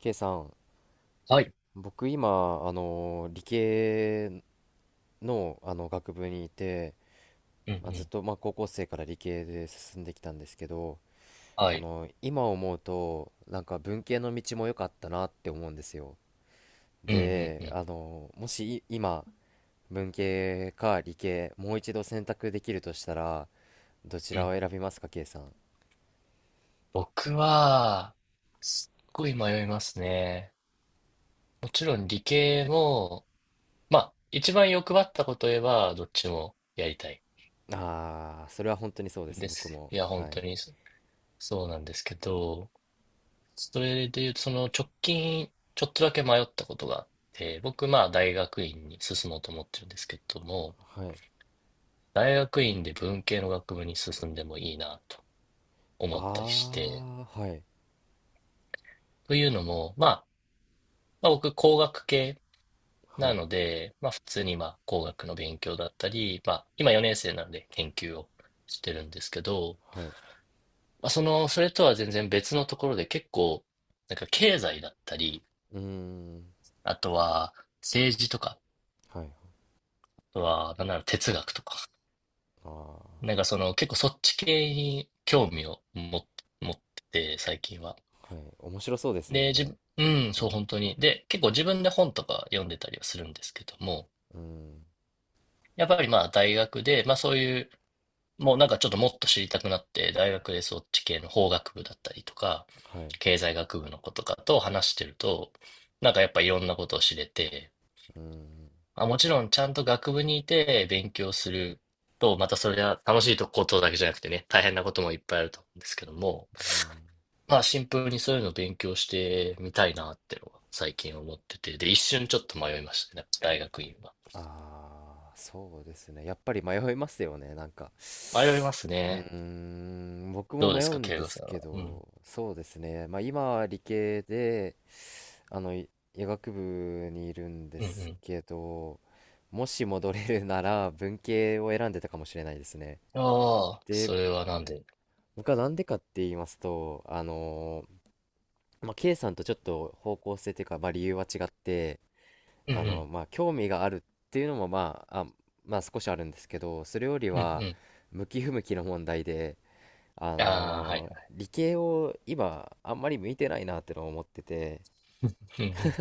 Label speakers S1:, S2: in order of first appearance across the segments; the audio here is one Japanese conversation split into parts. S1: K さん、
S2: はい。
S1: 僕今、理系の、あの学部にいて、
S2: うんう
S1: まあ、ずっ
S2: ん。
S1: と、まあ、高校生から理系で進んできたんですけど、
S2: はい。
S1: 今思うとなんか文系の道も良かったなって思うんですよ。
S2: うんうんう
S1: で、
S2: ん
S1: もし今文系か理系もう一度選択できるとしたら、どち
S2: う
S1: ら
S2: ん。
S1: を選びますか K さん。
S2: 僕は、すっごい迷いますね。もちろん理系も、一番欲張ったこと言えば、どっちもやりたい
S1: ああ、それは本当にそうで
S2: ん
S1: す、
S2: で
S1: 僕
S2: す。い
S1: も。
S2: や、本
S1: は
S2: 当
S1: い。
S2: にそうなんですけど、それで言うと、その直近、ちょっとだけ迷ったことがあって、僕、大学院に進もうと思ってるんですけども、
S1: はい。
S2: 大学院で文系の学部に進んでもいいなと思ったりして、
S1: ああ、はい。
S2: というのも、僕、工学系
S1: は
S2: な
S1: い。
S2: ので、普通に工学の勉強だったり、今4年生なので研究をしてるんですけど、
S1: はい。
S2: それとは全然別のところで結構、なんか経済だったり、
S1: うーん。
S2: あとは政治とか、
S1: はい。
S2: あとは、なんなら哲学とか、
S1: あ
S2: なんかその結構そっち系に興味を持ってて、最近は。
S1: あ、はい。面白そうですも
S2: で、
S1: ん
S2: 自
S1: ね。
S2: 分、うん、
S1: はい。
S2: そう、本当に。で、結構自分で本とか読んでたりはするんですけども、
S1: うん。
S2: やっぱり大学で、まあそういう、もうなんかちょっともっと知りたくなって、大学でそっち系の法学部だったりとか、
S1: はい。
S2: 経済学部の子とかと話してると、なんかやっぱいろんなことを知れて、
S1: うん。
S2: あ、もちろんちゃんと学部にいて勉強すると、またそれは楽しいことだけじゃなくてね、大変なこともいっぱいあると思うんですけども、
S1: うん。
S2: まあシンプルにそういうのを勉強してみたいなってのは最近思ってて、で、一瞬ちょっと迷いましたね、大学院は。
S1: ああ、そうですね。やっぱり迷いますよね。なんか。
S2: 迷います
S1: う
S2: ね。
S1: ーん、僕も
S2: どうで
S1: 迷
S2: す
S1: う
S2: か、
S1: ん
S2: 慶
S1: で
S2: 吾さ
S1: す
S2: ん
S1: け
S2: は。うん。
S1: ど、そうですね。まあ今は理系で、あの、い医学部にいるんで
S2: う
S1: す
S2: ん
S1: けど、もし戻れるなら文系を選んでたかもしれないですね。
S2: うん。ああ、
S1: で、
S2: それはなんで？
S1: 僕はなんでかって言いますと、まあ、K さんとちょっと方向性というか、まあ、理由は違って、
S2: うんうん。
S1: まあ、興味があるっていうのも、まあ、まあ、少しあるんですけど、それより
S2: うん
S1: は、
S2: うん。
S1: 向き不向きの問題で、
S2: ああ、はいはい。
S1: 理系を今、あんまり向いてないなってのを思ってて、
S2: うんうん。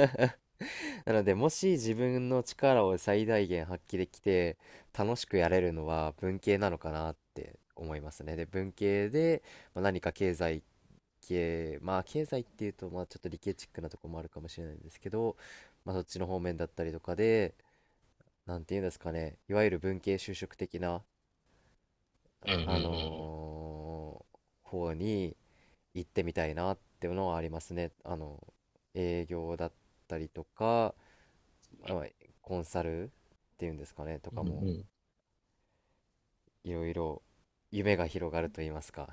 S1: なので、もし自分の力を最大限発揮できて、楽しくやれるのは文系なのかなって思いますね。で、文系で、まあ、何か経済経まあ経済っていうと、まあちょっと理系チックなとこもあるかもしれないんですけど、まあ、そっちの方面だったりとかで、なんていうんですかね、いわゆる文系就職的な、
S2: うんう
S1: あ
S2: ん
S1: のー方に行ってみたいなっていうのはありますね。営業だったりとか、まあコンサルっていうんですかね、と
S2: うんう
S1: か
S2: ん。うんう
S1: も、
S2: ん。
S1: いろいろ夢が広がると言いますか。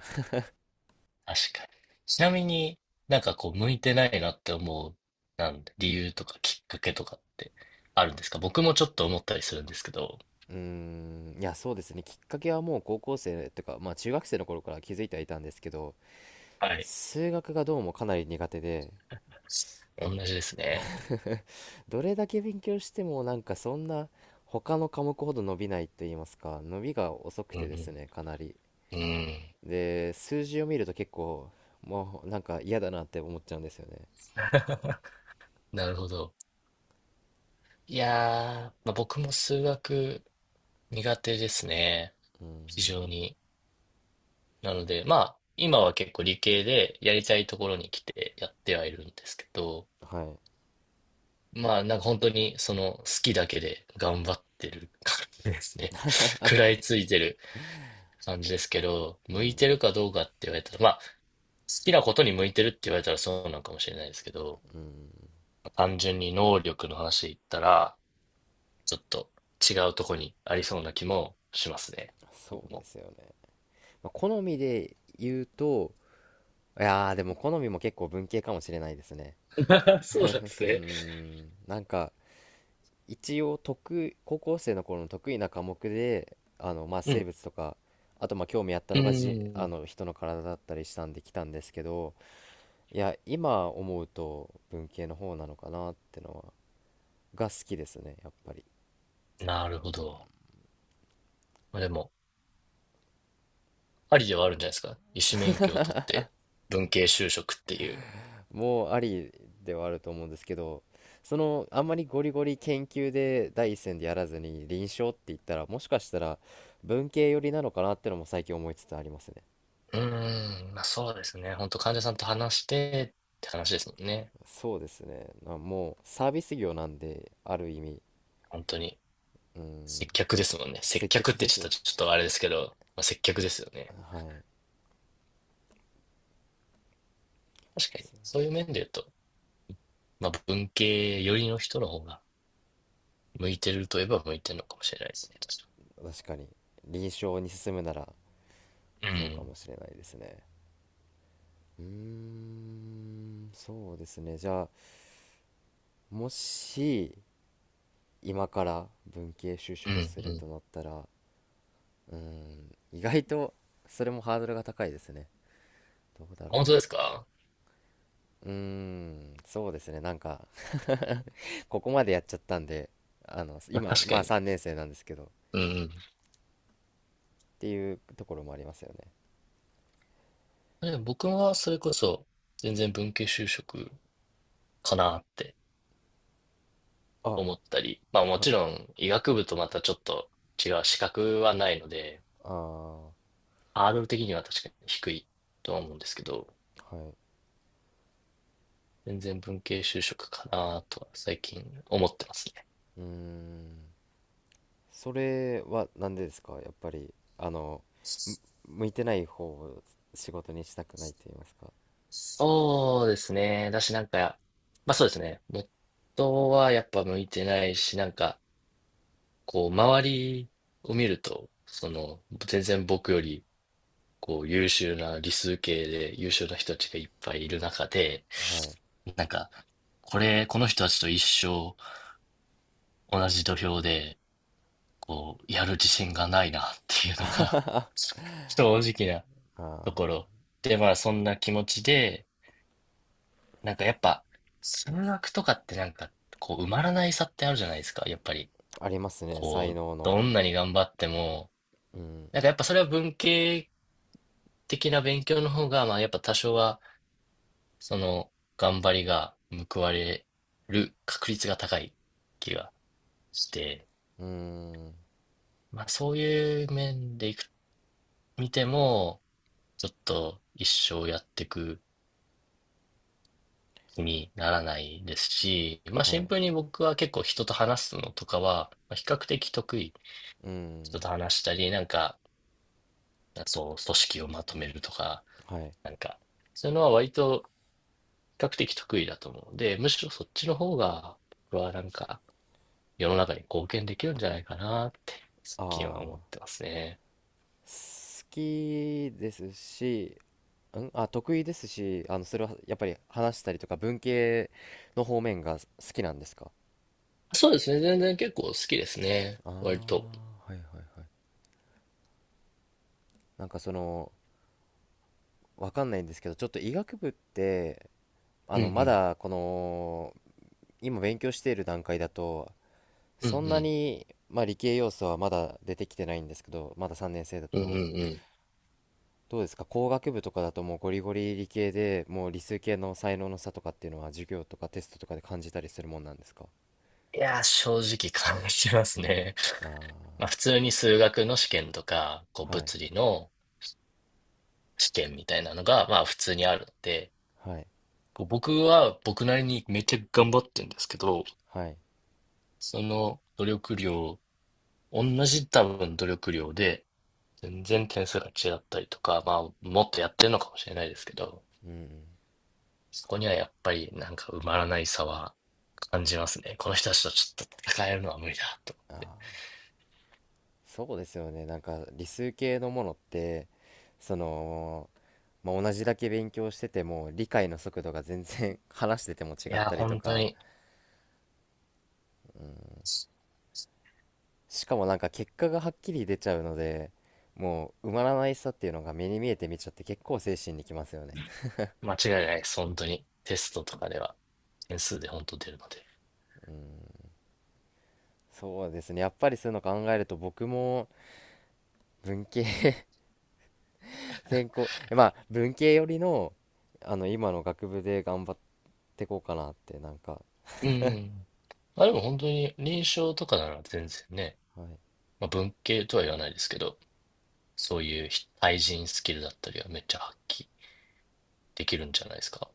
S2: 確かに。ちなみになんかこう、向いてないなって思う、なんで、理由とかきっかけとかってあるんですか？僕もちょっと思ったりするんですけど。
S1: うーん、いや、そうですね。きっかけはもう高校生とか、まあ中学生の頃から気づいてはいたんですけど、
S2: はい。
S1: 数学がどうもかなり苦手で。
S2: 同じですね。
S1: どれだけ勉強してもなんかそんな他の科目ほど伸びないと言いますか、伸びが遅く
S2: う
S1: てです
S2: ん
S1: ね、かなり。
S2: うん。うん。
S1: で、数字を見ると結構もうなんか嫌だなって思っちゃうんですよね。
S2: なるほど。いやー、まあ、僕も数学苦手ですね。非常に。なので、まあ、今は結構理系でやりたいところに来てやってはいるんですけど、
S1: はい。
S2: まあ、なんか本当にその好きだけで頑張ってる感じですね。食らいついてる感じですけど、
S1: う
S2: 向い
S1: ん。
S2: てるかどうかって言われたら、まあ、好きなことに向いてるって言われたらそうなのかもしれないですけど、
S1: うん。
S2: 単純に能力の話で言ったら、ちょっと違うとこにありそうな気もしますね。僕
S1: そう
S2: も。
S1: ですよね、まあ、好みで言うと、いやー、でも好みも結構文系かもしれないですね。
S2: そうなんで
S1: う
S2: す
S1: ー
S2: ね。
S1: ん、なんか一応、高校生の頃の得意な科目で、まあ、
S2: う
S1: 生
S2: ん。
S1: 物とか、あとまあ興味あった
S2: うー
S1: のが、じあ
S2: ん。
S1: の人の体だったりしたんで来たんですけど、いや今思うと文系の方なのかなってが好きですね、やっぱり。
S2: なるほど。まあでも、ありではあるんじゃないですか。医師免許を取って、文系就職っていう。
S1: もうありではあると思うんですけど、あんまりゴリゴリ研究で第一線でやらずに臨床って言ったら、もしかしたら文系寄りなのかなってのも最近思いつつありますね。
S2: うーん、まあそうですね。本当患者さんと話してって話ですもんね。
S1: そうですねもうサービス業なんである意味。
S2: 本当に。
S1: う
S2: 接
S1: ん、
S2: 客ですもんね。接
S1: 接
S2: 客っ
S1: 客
S2: て
S1: で
S2: ち
S1: す
S2: ょ
S1: ね。
S2: っと、ちょっとあれですけど、まあ、接客ですよね。
S1: はい。
S2: 確かに。
S1: そ
S2: そういう面で言うと、まあ文系寄りの人の方が向いてるといえば向いてるのかもしれないですね。確
S1: 確かに。臨床に進むなら、
S2: か
S1: そうか
S2: に。
S1: もしれないですね。うーん、そうですね。じゃあ、もし、今から文系就
S2: うん。うん、う
S1: 職する
S2: ん。
S1: となったら、うーん、意外と、それもハードルが高いですね。どうだろ
S2: 本当ですか？
S1: う。うーん、そうですね。なんか ここまでやっちゃったんで、
S2: まあ
S1: 今、
S2: 確
S1: ま
S2: か
S1: あ
S2: に。
S1: 3年生なんですけど、っ
S2: うん、
S1: ていうところもありますよね。
S2: うん。でも僕はそれこそ全然文系就職かなって。
S1: あ、
S2: 思ったり、まあも
S1: は
S2: ち
S1: い。
S2: ろん医学部とまたちょっと違う資格はないので、
S1: ああ、は
S2: ハードル的には確かに低いとは思うんですけど、
S1: い。
S2: 全然文系就職かなとは最近思ってますね。
S1: うーん、それはなんでですか、やっぱり。あのむ向いてない方を仕事にしたくないと言いますか。
S2: そうですね。だしなんか、まあそうですね。元はやっぱ向いてないし、なんか、こう周りを見ると、その全然僕よりこう優秀な理数系で優秀な人たちがいっぱいいる中で、
S1: はい。
S2: なんか、これ、この人たちと一生同じ土俵で、こう、やる自信がないなっていうのが 正直なとこ
S1: あ
S2: ろ。で、まあ、そんな気持ちで、なんかやっぱ、数学とかってなんか、こう、埋まらない差ってあるじゃないですか。やっぱり、
S1: あ、ありますね、才
S2: こう、
S1: 能
S2: ど
S1: の。
S2: んなに頑張っても、
S1: うん。
S2: なんかやっぱそれは文系的な勉強の方が、まあ、やっぱ多少は、その、頑張りが報われる確率が高い気がして、
S1: うーん。
S2: まあ、そういう面でいく、見ても、ちょっと一生やってく気にならないですし、まあ、
S1: は
S2: シ
S1: い。
S2: ンプルに僕は結構人と話すのとかは、まあ比較的得意。
S1: う
S2: 人
S1: ん。
S2: と話したり、なんか、そう、組織をまとめるとか、
S1: はい。
S2: なんか、そういうのは割と比較的得意だと思うので、むしろそっちの方が、僕はなんか、世の中に貢献できるんじゃないかなって、最
S1: ああ、
S2: 近は思
S1: 好
S2: ってますね。
S1: きですし、得意ですし、それはやっぱり話したりとか、文系の方面が好きなんですか。
S2: そうですね。全然結構好きですね。
S1: あ
S2: 割と。
S1: あー、はい、はい、はい。なんかわかんないんですけど、ちょっと医学部って、
S2: うんう
S1: ま
S2: ん。
S1: だ今勉強している段階だと、
S2: うんう
S1: そんな
S2: ん。
S1: に、まあ、理系要素はまだ出てきてないんですけど、まだ3年生だ
S2: うんうんうん。
S1: と、
S2: い
S1: どうですか、工学部とかだと、もうゴリゴリ理系で、もう理数系の才能の差とかっていうのは、授業とかテストとかで感じたりするもんなんですか。
S2: やー、正直感じますね。まあ普
S1: あ
S2: 通に数学の試験とか、こう
S1: あ、はい、
S2: 物理の試験みたいなのが、まあ普通にあるので、
S1: はい、
S2: こう僕は僕なりにめっちゃ頑張ってるんですけど、
S1: はい、
S2: その努力量、同じ多分努力量で、全然点数が違ったりとか、まあもっとやってるのかもしれないですけど、
S1: うんうん。
S2: そこにはやっぱりなんか埋まらない差は感じますね。この人たちとちょっと戦えるのは無理だと。
S1: ああ、そうですよね。なんか理数系のものって、その、まあ、同じだけ勉強してても、理解の速度が全然 話してても違
S2: い
S1: っ
S2: やー、
S1: たりと
S2: 本当
S1: か、
S2: に。
S1: しかもなんか結果がはっきり出ちゃうので、もう埋まらないさっていうのが目に見えて見ちゃって、結構精神にきますよね。
S2: 間違いないです。本当に。テストとかでは。点数で本当出るので。
S1: そうですね、やっぱりそういうの考えると、僕も文系 専攻、まあ文系寄りの今の学部で頑張ってこうかなって、なんか。
S2: うんうん。まあでも本当に臨床とかなら全然ね、
S1: はい。
S2: まあ、文系とは言わないですけど、そういう非対人スキルだったりはめっちゃ発揮できるんじゃないですか。